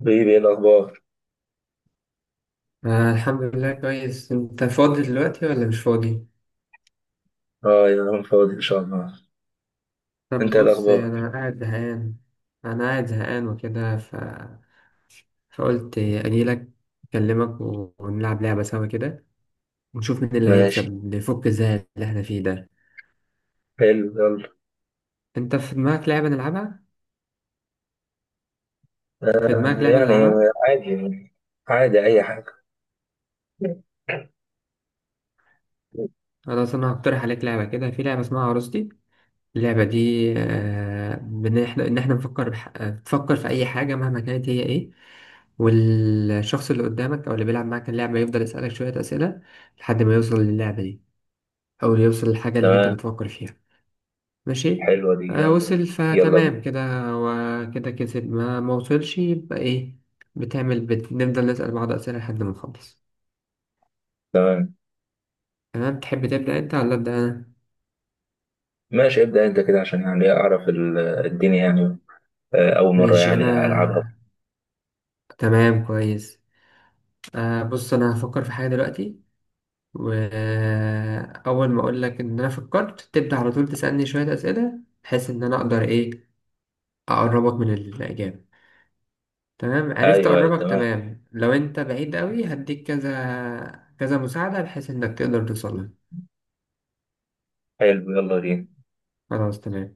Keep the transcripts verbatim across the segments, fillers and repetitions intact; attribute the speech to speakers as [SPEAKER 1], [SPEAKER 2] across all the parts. [SPEAKER 1] حبيبي ايه الاخبار؟
[SPEAKER 2] آه الحمد لله كويس. انت فاضي دلوقتي ولا مش فاضي؟
[SPEAKER 1] اه يا انا فاضي ان شاء الله.
[SPEAKER 2] طب
[SPEAKER 1] انت ايه
[SPEAKER 2] بص،
[SPEAKER 1] الاخبار؟
[SPEAKER 2] انا قاعد زهقان. انا قاعد زهقان وكده ف... فقلت اجيلك، اكلمك و- ونلعب لعبة سوا كده، ونشوف مين اللي
[SPEAKER 1] ماشي.
[SPEAKER 2] هيكسب نفك الزهق اللي احنا فيه ده.
[SPEAKER 1] حلو يلا.
[SPEAKER 2] انت في دماغك لعبة نلعبها؟ في دماغك
[SPEAKER 1] آه
[SPEAKER 2] لعبة
[SPEAKER 1] يعني.
[SPEAKER 2] نلعبها؟
[SPEAKER 1] عادي. عادي اي حاجه.
[SPEAKER 2] خلاص انا هقترح عليك لعبة، كده في لعبة اسمها عروستي. اللعبة دي آه، بإن إحنا إن إحنا نفكر بح... آه، تفكر في أي حاجة مهما كانت هي إيه، والشخص اللي قدامك أو اللي بيلعب معاك اللعبة يفضل يسألك شوية أسئلة لحد ما يوصل للعبة دي، أو يوصل للحاجة اللي أنت
[SPEAKER 1] تمام.
[SPEAKER 2] بتفكر فيها. ماشي.
[SPEAKER 1] حلوه دي
[SPEAKER 2] آه،
[SPEAKER 1] يلا.
[SPEAKER 2] وصل
[SPEAKER 1] يلا
[SPEAKER 2] فتمام
[SPEAKER 1] بينا.
[SPEAKER 2] كده. وكده كسب، ما ما وصلش يبقى إيه. بتعمل بت... نفضل نسأل بعض أسئلة لحد ما نخلص.
[SPEAKER 1] تمام.
[SPEAKER 2] تمام، تحب تبدأ أنت ولا أبدأ أنا؟
[SPEAKER 1] ماشي ابدا انت كده عشان يعني اعرف ال- الدنيا يعني. آه اول مره
[SPEAKER 2] ماشي أنا.
[SPEAKER 1] يعني العبها.
[SPEAKER 2] تمام كويس. آه بص، أنا هفكر في حاجة دلوقتي، وأول ما أقول لك إن أنا فكرت تبدأ على طول تسألني شوية أسئلة بحيث إن أنا أقدر إيه، أقربك من الإجابة. تمام؟ عرفت
[SPEAKER 1] ايوه أيوة،
[SPEAKER 2] أقربك،
[SPEAKER 1] تمام.
[SPEAKER 2] تمام. لو أنت بعيد أوي هديك كذا كذا مساعدة بحيث إنك تقدر توصل لها.
[SPEAKER 1] حلو يلا بينا.
[SPEAKER 2] خلاص تمام.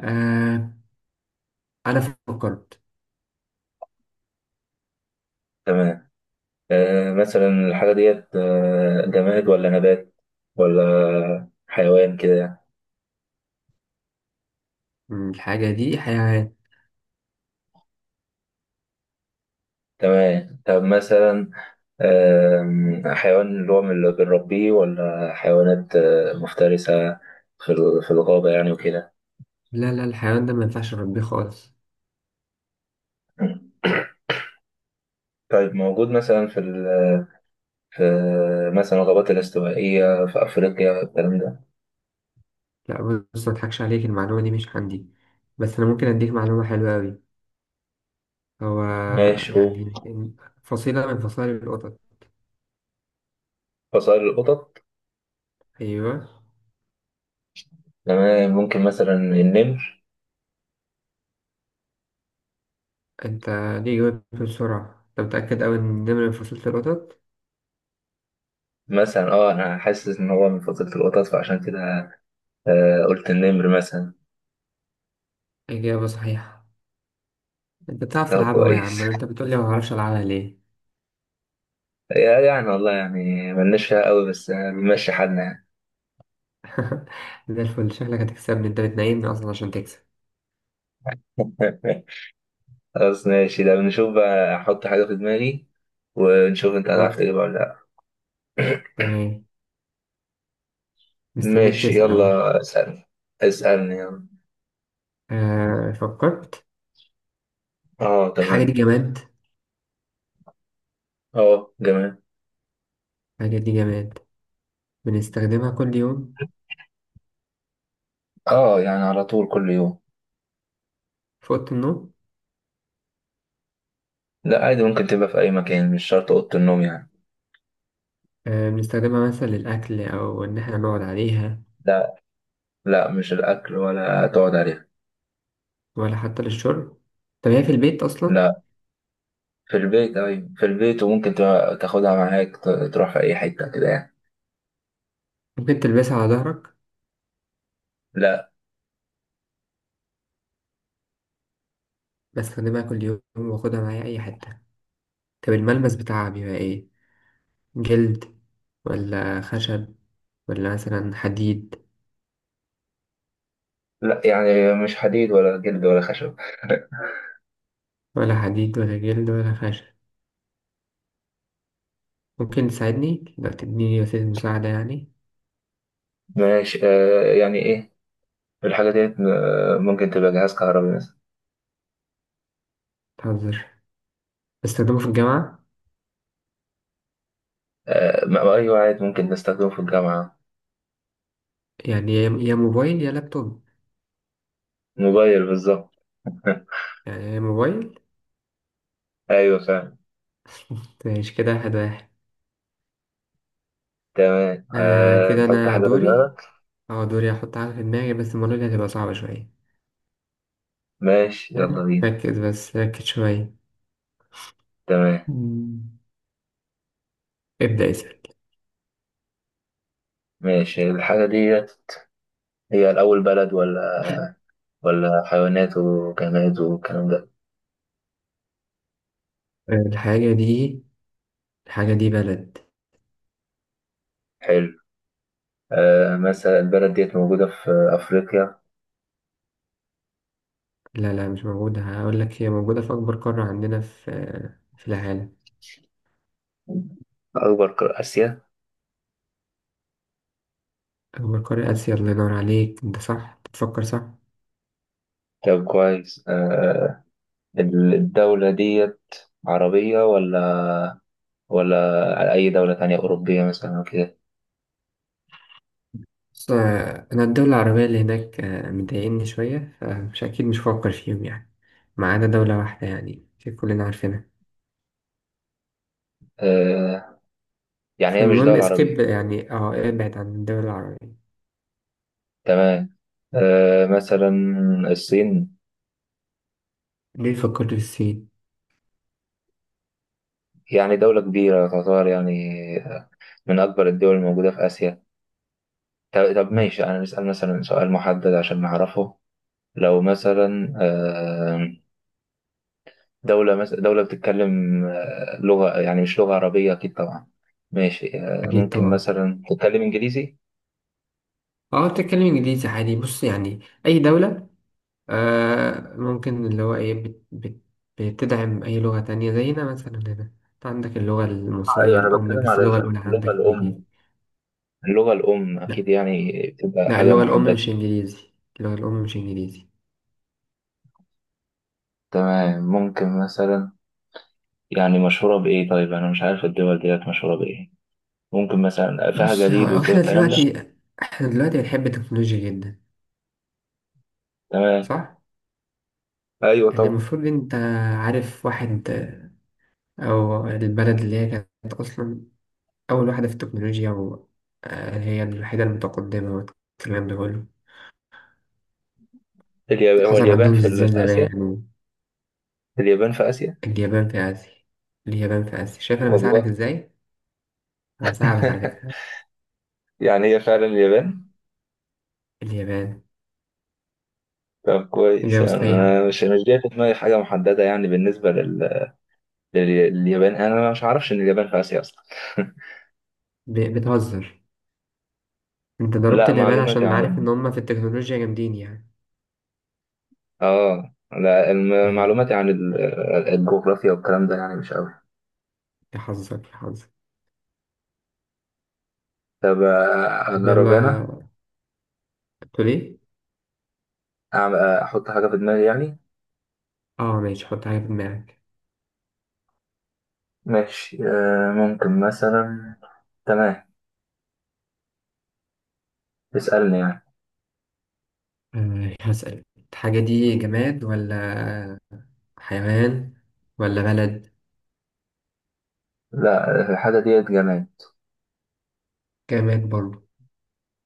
[SPEAKER 2] آه، أنا فكرت.
[SPEAKER 1] تمام. آه مثلا الحاجه ديت آه جماد ولا نبات ولا حيوان كده يعني.
[SPEAKER 2] مم، الحاجة دي حيوان.
[SPEAKER 1] تمام طب مثلا. آم، حيوان اللي هو من اللي بنربيه ولا حيوانات آه، مفترسة في ال- في الغابة يعني وكده.
[SPEAKER 2] لا لا الحيوان ده ما ينفعش أربيه خالص.
[SPEAKER 1] طيب موجود مثلا في ال- في مثلا الغابات الاستوائية في أفريقيا الكلام ده.
[SPEAKER 2] لا. بص، ما أضحكش عليك، المعلومة دي مش عندي، بس أنا ممكن أديك معلومة حلوة أوي. هو
[SPEAKER 1] ماشي قول.
[SPEAKER 2] يعني فصيلة من فصائل القطط.
[SPEAKER 1] فصائل القطط.
[SPEAKER 2] أيوه.
[SPEAKER 1] تمام ممكن مثلا النمر.
[SPEAKER 2] أنت ليه جاوبت بسرعة؟ أنت متأكد أوي إن النمر من فصيلة القطط؟
[SPEAKER 1] مثلا اه أنا حاسس إن هو من فصيلة القطط فعشان كده آه، قلت النمر مثلا.
[SPEAKER 2] إجابة صحيحة. أنت بتعرف
[SPEAKER 1] ده
[SPEAKER 2] تلعبها أهو يا
[SPEAKER 1] كويس.
[SPEAKER 2] عم. أنت بتقولي ما بعرفش ألعبها ليه؟
[SPEAKER 1] يعني والله يعني ملناش فيها قوي بس آه، بنمشي حالنا.
[SPEAKER 2] ده الفل. شكلك هتكسبني، أنت بتنايمني أصلا عشان تكسب.
[SPEAKER 1] يعني خلاص ماشي ده بنشوف بقى احط حاجة في دماغي ونشوف انت هتعرف
[SPEAKER 2] حط.
[SPEAKER 1] تجيبها ولا لا.
[SPEAKER 2] تمام. مستنيك
[SPEAKER 1] ماشي
[SPEAKER 2] تسأل أهو.
[SPEAKER 1] يلا اسألني. اسألني يلا.
[SPEAKER 2] آه، فكرت.
[SPEAKER 1] اه
[SPEAKER 2] الحاجة دي
[SPEAKER 1] تمام.
[SPEAKER 2] جماد.
[SPEAKER 1] اه جميل.
[SPEAKER 2] الحاجة دي جماد، بنستخدمها كل يوم،
[SPEAKER 1] اه يعني على طول كل يوم.
[SPEAKER 2] في أوضة النوم.
[SPEAKER 1] لا عادي ممكن تبقى في اي مكان مش شرط اوضة النوم يعني.
[SPEAKER 2] آه، بنستخدمها مثلا للأكل أو إن إحنا نقعد عليها،
[SPEAKER 1] لا. لا مش الاكل ولا تقعد عليها.
[SPEAKER 2] ولا حتى للشرب؟ طب هي في البيت أصلا؟
[SPEAKER 1] لا. في البيت ايوه في البيت وممكن تبقى- تاخدها معاك ت- تروح في اي حتة كده يعني.
[SPEAKER 2] ممكن تلبسها على ظهرك؟
[SPEAKER 1] لا.
[SPEAKER 2] بستخدمها كل يوم، واخدها معايا أي حتة. طب الملمس بتاعها بيبقى إيه؟ جلد ولا خشب ولا مثلا حديد؟
[SPEAKER 1] لا يعني مش حديد ولا جلد ولا خشب.
[SPEAKER 2] ولا حديد ولا جلد ولا خشب؟ ممكن تساعدني لو تديني وسيلة مساعدة يعني.
[SPEAKER 1] ماشي آه يعني ايه. الحاجة ديت آه، ممكن تبقى جهاز كهربي مثلا.
[SPEAKER 2] تهزر. بستخدمه في الجامعة.
[SPEAKER 1] آه، ما- أيوة عادي ممكن نستخدمه في الجامعة.
[SPEAKER 2] يعني يا يا موبايل يا لابتوب.
[SPEAKER 1] موبايل بالظبط.
[SPEAKER 2] يعني يا موبايل.
[SPEAKER 1] أيوة فعلا.
[SPEAKER 2] ماشي كده، واحد واحد.
[SPEAKER 1] تمام
[SPEAKER 2] آه
[SPEAKER 1] أه
[SPEAKER 2] كده
[SPEAKER 1] تحط
[SPEAKER 2] أنا
[SPEAKER 1] حاجة في
[SPEAKER 2] دوري.
[SPEAKER 1] دماغك.
[SPEAKER 2] أه دوري أحط حاجة في دماغي، بس المرة دي هتبقى صعبة شوية.
[SPEAKER 1] ماشي
[SPEAKER 2] حلو،
[SPEAKER 1] يلا بينا.
[SPEAKER 2] ركز بس، ركز شوية.
[SPEAKER 1] تمام.
[SPEAKER 2] مم. ابدأ اسأل.
[SPEAKER 1] ماشي الحاجة ديت هي الأول بلد ولا ولا حيوانات وجماد والكلام ده.
[SPEAKER 2] الحاجة دي، الحاجة دي بلد.
[SPEAKER 1] حلو. أه مثلا البلد ديت موجودة في أفريقيا.
[SPEAKER 2] لا، لا مش موجودة، هقول لك هي موجودة في أكبر قارة عندنا في، في العالم.
[SPEAKER 1] أكبر قارة آسيا.
[SPEAKER 2] أكبر قارة آسيا، الله ينور عليك، أنت صح، بتفكر صح.
[SPEAKER 1] طب كويس أه الدولة ديت عربية ولا ولا على أي دولة تانية أوروبية مثلا أو كده.
[SPEAKER 2] بص، آه، أنا الدولة العربية اللي هناك آه، مضايقني شوية، فمش أكيد مش هفكر فيهم يعني، ما عدا دولة واحدة يعني، في كلنا عارفينها.
[SPEAKER 1] آه يعني هي مش
[SPEAKER 2] فالمهم
[SPEAKER 1] دولة
[SPEAKER 2] اسكيب
[SPEAKER 1] عربية.
[SPEAKER 2] يعني، اه ابعد عن الدول العربية.
[SPEAKER 1] تمام. آه مثلا الصين.
[SPEAKER 2] ليه فكرت في الصين؟
[SPEAKER 1] يعني دولة كبيرة تعتبر يعني من أكبر الدول الموجودة في آسيا. طب طب ماشي أنا نسأل مثلا سؤال محدد عشان نعرفه. لو مثلا آه دولة مثلا دولة بتتكلم آه، لغة يعني مش لغة عربية أكيد طبعا. ماشي آه
[SPEAKER 2] أكيد
[SPEAKER 1] ممكن
[SPEAKER 2] طبعا.
[SPEAKER 1] مثلا تتكلم إنجليزي.
[SPEAKER 2] اه بتتكلم إنجليزي عادي، بص يعني أي دولة آه ممكن اللي هو ايه، بت بت بتدعم اي لغة تانية، زينا مثلا هنا، انت عندك اللغة
[SPEAKER 1] أيوة
[SPEAKER 2] المصرية
[SPEAKER 1] أنا
[SPEAKER 2] الأم
[SPEAKER 1] بتكلم
[SPEAKER 2] بس
[SPEAKER 1] على
[SPEAKER 2] اللغة الأولى
[SPEAKER 1] اللغة
[SPEAKER 2] عندك إنجليزي.
[SPEAKER 1] الأم. اللغة الأم
[SPEAKER 2] لا
[SPEAKER 1] أكيد يعني بتبقى
[SPEAKER 2] لا
[SPEAKER 1] حاجة
[SPEAKER 2] اللغة الأم
[SPEAKER 1] محددة.
[SPEAKER 2] مش إنجليزي، اللغة الأم مش إنجليزي.
[SPEAKER 1] تمام ممكن مثلا يعني مشهورة بإيه؟ طيب أنا مش عارف الدول ديت مشهورة بإيه. ممكن مثلا فيها
[SPEAKER 2] بص،
[SPEAKER 1] جليد
[SPEAKER 2] هو
[SPEAKER 1] وكده
[SPEAKER 2] احنا
[SPEAKER 1] الكلام ده.
[SPEAKER 2] دلوقتي احنا دلوقتي بنحب التكنولوجيا جدا،
[SPEAKER 1] تمام.
[SPEAKER 2] صح؟
[SPEAKER 1] أيوة
[SPEAKER 2] يعني
[SPEAKER 1] طبعا.
[SPEAKER 2] المفروض انت عارف واحد آه، او البلد اللي هي كانت أصلا أول واحدة في التكنولوجيا وهي الوحيدة المتقدمة والكلام ده كله.
[SPEAKER 1] اليابان هو
[SPEAKER 2] حصل
[SPEAKER 1] اليابان
[SPEAKER 2] عندهم
[SPEAKER 1] في، ال-
[SPEAKER 2] زلزال
[SPEAKER 1] في آسيا.
[SPEAKER 2] زمان.
[SPEAKER 1] اليابان في آسيا.
[SPEAKER 2] اليابان في آسيا. اليابان في آسيا، شايف أنا
[SPEAKER 1] والله.
[SPEAKER 2] بساعدك إزاي؟ أنا بساعدك على فكرة.
[SPEAKER 1] يعني هي فعلا اليابان.
[SPEAKER 2] اليابان.
[SPEAKER 1] طب كويس
[SPEAKER 2] إجابة
[SPEAKER 1] يعني
[SPEAKER 2] صحيحة.
[SPEAKER 1] أنا مش مش جاي في دماغي حاجة محددة يعني بالنسبة لل... لل- لليابان أنا مش عارفش إن اليابان في آسيا أصلا.
[SPEAKER 2] ب... بتهزر. أنت ضربت
[SPEAKER 1] لا
[SPEAKER 2] اليابان
[SPEAKER 1] معلوماتي
[SPEAKER 2] عشان عارف
[SPEAKER 1] يعني.
[SPEAKER 2] إن هما في التكنولوجيا جامدين يعني.
[SPEAKER 1] اه لا الم-
[SPEAKER 2] يا
[SPEAKER 1] معلوماتي عن ال- الجغرافيا والكلام ده يعني مش قوي.
[SPEAKER 2] يا حظك يا حظك
[SPEAKER 1] طب آه،
[SPEAKER 2] طب
[SPEAKER 1] اجرب
[SPEAKER 2] يلا،
[SPEAKER 1] انا.
[SPEAKER 2] تقول إيه؟
[SPEAKER 1] أعمل- آه، احط حاجة في دماغي يعني.
[SPEAKER 2] آه ماشي، حط حاجة في دماغك.
[SPEAKER 1] ماشي آه، ممكن مثلا. تمام اسألني يعني.
[SPEAKER 2] آه، هسأل. الحاجة دي جماد ولا حيوان ولا بلد؟
[SPEAKER 1] لا الحاجة ديت جماد.
[SPEAKER 2] جماد برضه.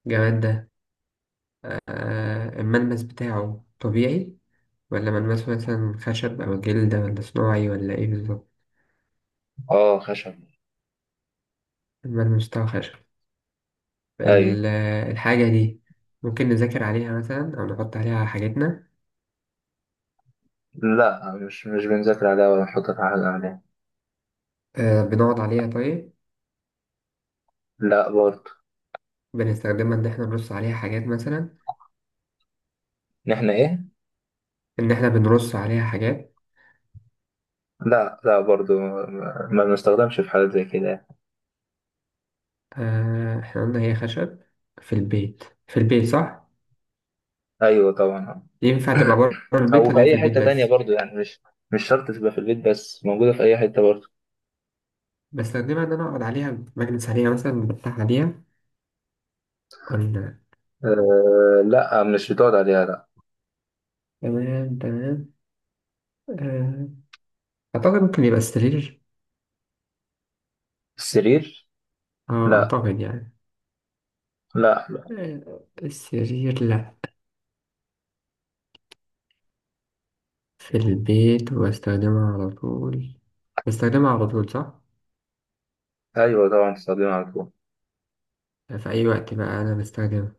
[SPEAKER 2] جماد ده. آه، الملمس بتاعه طبيعي ولا ملمسه مثلا خشب أو جلد، ولا صناعي ولا إيه بالظبط؟
[SPEAKER 1] اه خشب.
[SPEAKER 2] الملمس بتاعه خشب.
[SPEAKER 1] ايوه.
[SPEAKER 2] ال- الحاجة دي ممكن نذاكر عليها مثلا أو نحط عليها حاجتنا؟
[SPEAKER 1] لا مش مش بنذاكر عليها ولا نحط في حاجة عليها.
[SPEAKER 2] آه بنقعد عليها طيب؟
[SPEAKER 1] لا برضه.
[SPEAKER 2] بنستخدمها إن إحنا نرص عليها حاجات مثلا؟
[SPEAKER 1] إن احنا ايه؟
[SPEAKER 2] إن إحنا بنرص عليها حاجات؟
[SPEAKER 1] لا لا برضه ما ما بنستخدمش في حاجات زي كده يعني.
[SPEAKER 2] آه إحنا قلنا هي خشب، في البيت في البيت، صح؟
[SPEAKER 1] ايوه طبعا.
[SPEAKER 2] ينفع تبقى بره البيت
[SPEAKER 1] او في
[SPEAKER 2] ولا هي في
[SPEAKER 1] اي
[SPEAKER 2] البيت
[SPEAKER 1] حته تانية
[SPEAKER 2] بس؟
[SPEAKER 1] برضو يعني مش مش شرط تبقى في البيت بس موجوده في اي حته برضو.
[SPEAKER 2] بستخدمها إن أنا أقعد عليها، بجلس عليها مثلا، بفتح عليها، قلنا.
[SPEAKER 1] أه لا مش بتقعد عليها لا.
[SPEAKER 2] تمام تمام. آه، أعتقد ممكن يبقى السرير.
[SPEAKER 1] السرير؟
[SPEAKER 2] اه
[SPEAKER 1] لا
[SPEAKER 2] اعتقد يعني.
[SPEAKER 1] لا لا
[SPEAKER 2] آه، السرير لا. في البيت وبستخدمها على طول. بستخدمها على طول، صح.
[SPEAKER 1] ايوه طبعا تستخدمها على طول.
[SPEAKER 2] في اي وقت بقى انا بستخدمها.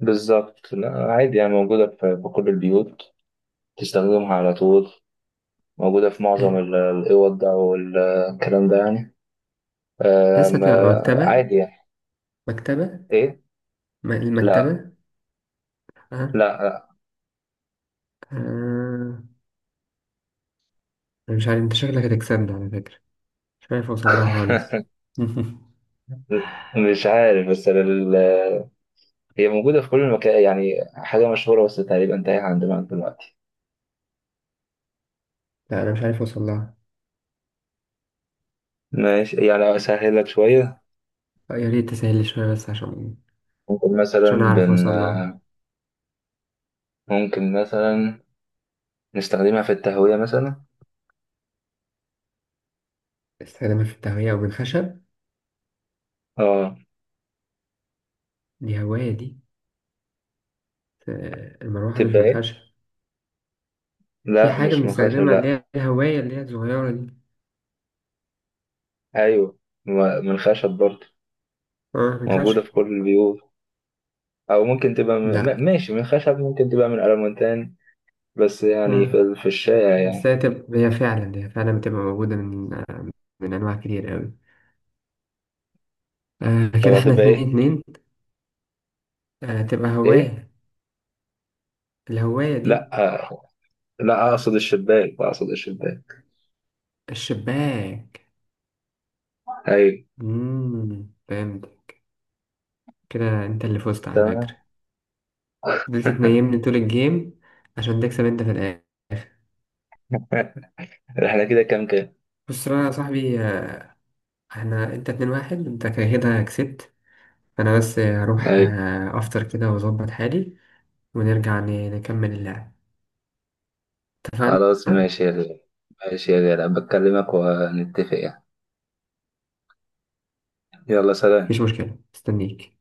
[SPEAKER 1] بالظبط لا عادي يعني موجوده في في كل البيوت تستخدمها على طول موجوده في معظم
[SPEAKER 2] آه،
[SPEAKER 1] ال- الاوض ده والكلام ده يعني. أه
[SPEAKER 2] حاسة تبقى
[SPEAKER 1] ما-
[SPEAKER 2] مكتبة.
[SPEAKER 1] عادي يعني.
[SPEAKER 2] مكتبة.
[SPEAKER 1] ايه؟
[SPEAKER 2] م-
[SPEAKER 1] لا
[SPEAKER 2] المكتبة. اه.
[SPEAKER 1] لا لا،
[SPEAKER 2] آه. أنا مش عارف، انت شكلك هتكسبني على فكرة، مش عارف اوصل لها خالص.
[SPEAKER 1] مش عارف بس ال- هي موجوده في كل المكان يعني حاجه مشهوره بس تقريبا تايهه عندنا دلوقتي.
[SPEAKER 2] لا انا مش عارف اوصل لها.
[SPEAKER 1] ماشي يعني أسهلك شوية.
[SPEAKER 2] آه، يا ريت تسهل لي شوية، بس عشان،
[SPEAKER 1] ممكن
[SPEAKER 2] عشان
[SPEAKER 1] مثلا
[SPEAKER 2] اعرف
[SPEAKER 1] بن
[SPEAKER 2] اوصل لها.
[SPEAKER 1] ممكن مثلا نستخدمها في التهوية مثلا.
[SPEAKER 2] استخدمها في التهوية او بالخشب؟
[SPEAKER 1] اه
[SPEAKER 2] دي هواية دي. آه، المروحة مش
[SPEAKER 1] تبقى ايه؟
[SPEAKER 2] بالخشب. في
[SPEAKER 1] لا
[SPEAKER 2] حاجة
[SPEAKER 1] مش من خشب
[SPEAKER 2] بنستخدمها اللي
[SPEAKER 1] لا.
[SPEAKER 2] هي الهواية، اللي هي الصغيرة دي.
[SPEAKER 1] أيوه م- من خشب برضه
[SPEAKER 2] اه
[SPEAKER 1] موجودة
[SPEAKER 2] الخشب.
[SPEAKER 1] في كل البيوت أو ممكن تبقى م...
[SPEAKER 2] لا،
[SPEAKER 1] م- ماشي من خشب ممكن تبقى من ألمونتان بس يعني في،
[SPEAKER 2] اه
[SPEAKER 1] ال- في الشارع
[SPEAKER 2] بس
[SPEAKER 1] يعني.
[SPEAKER 2] هي تبقى، هي فعلا هي فعلا بتبقى موجودة من آه، من أنواع كتير أوي. آه
[SPEAKER 1] طب
[SPEAKER 2] كده احنا
[SPEAKER 1] هتبقى
[SPEAKER 2] اتنين
[SPEAKER 1] ايه؟
[SPEAKER 2] اتنين آه تبقى
[SPEAKER 1] ايه؟
[SPEAKER 2] هواية. الهواية
[SPEAKER 1] لا
[SPEAKER 2] دي.
[SPEAKER 1] آه، لا أقصد الشباك أقصد الشباك.
[SPEAKER 2] الشباك.
[SPEAKER 1] أيوه.
[SPEAKER 2] مم. فهمت. كده انت اللي فزت على فكرة،
[SPEAKER 1] تمام.
[SPEAKER 2] فضلت تنيمني طول الجيم عشان تكسب انت في الآخر.
[SPEAKER 1] احنا كده كام كام؟
[SPEAKER 2] بص بقى يا صاحبي، آه، احنا انت اتنين واحد، انت كده كسبت. انا بس آه، هروح
[SPEAKER 1] أيوه.
[SPEAKER 2] آه، افطر كده واظبط حالي، ونرجع ن- نكمل اللعب. اتفقنا؟
[SPEAKER 1] خلاص ماشي يا غالي. ماشي يا غالي بكلمك ونتفق يعني. يلا
[SPEAKER 2] مفيش
[SPEAKER 1] سلام.
[SPEAKER 2] مشكلة، استنيك.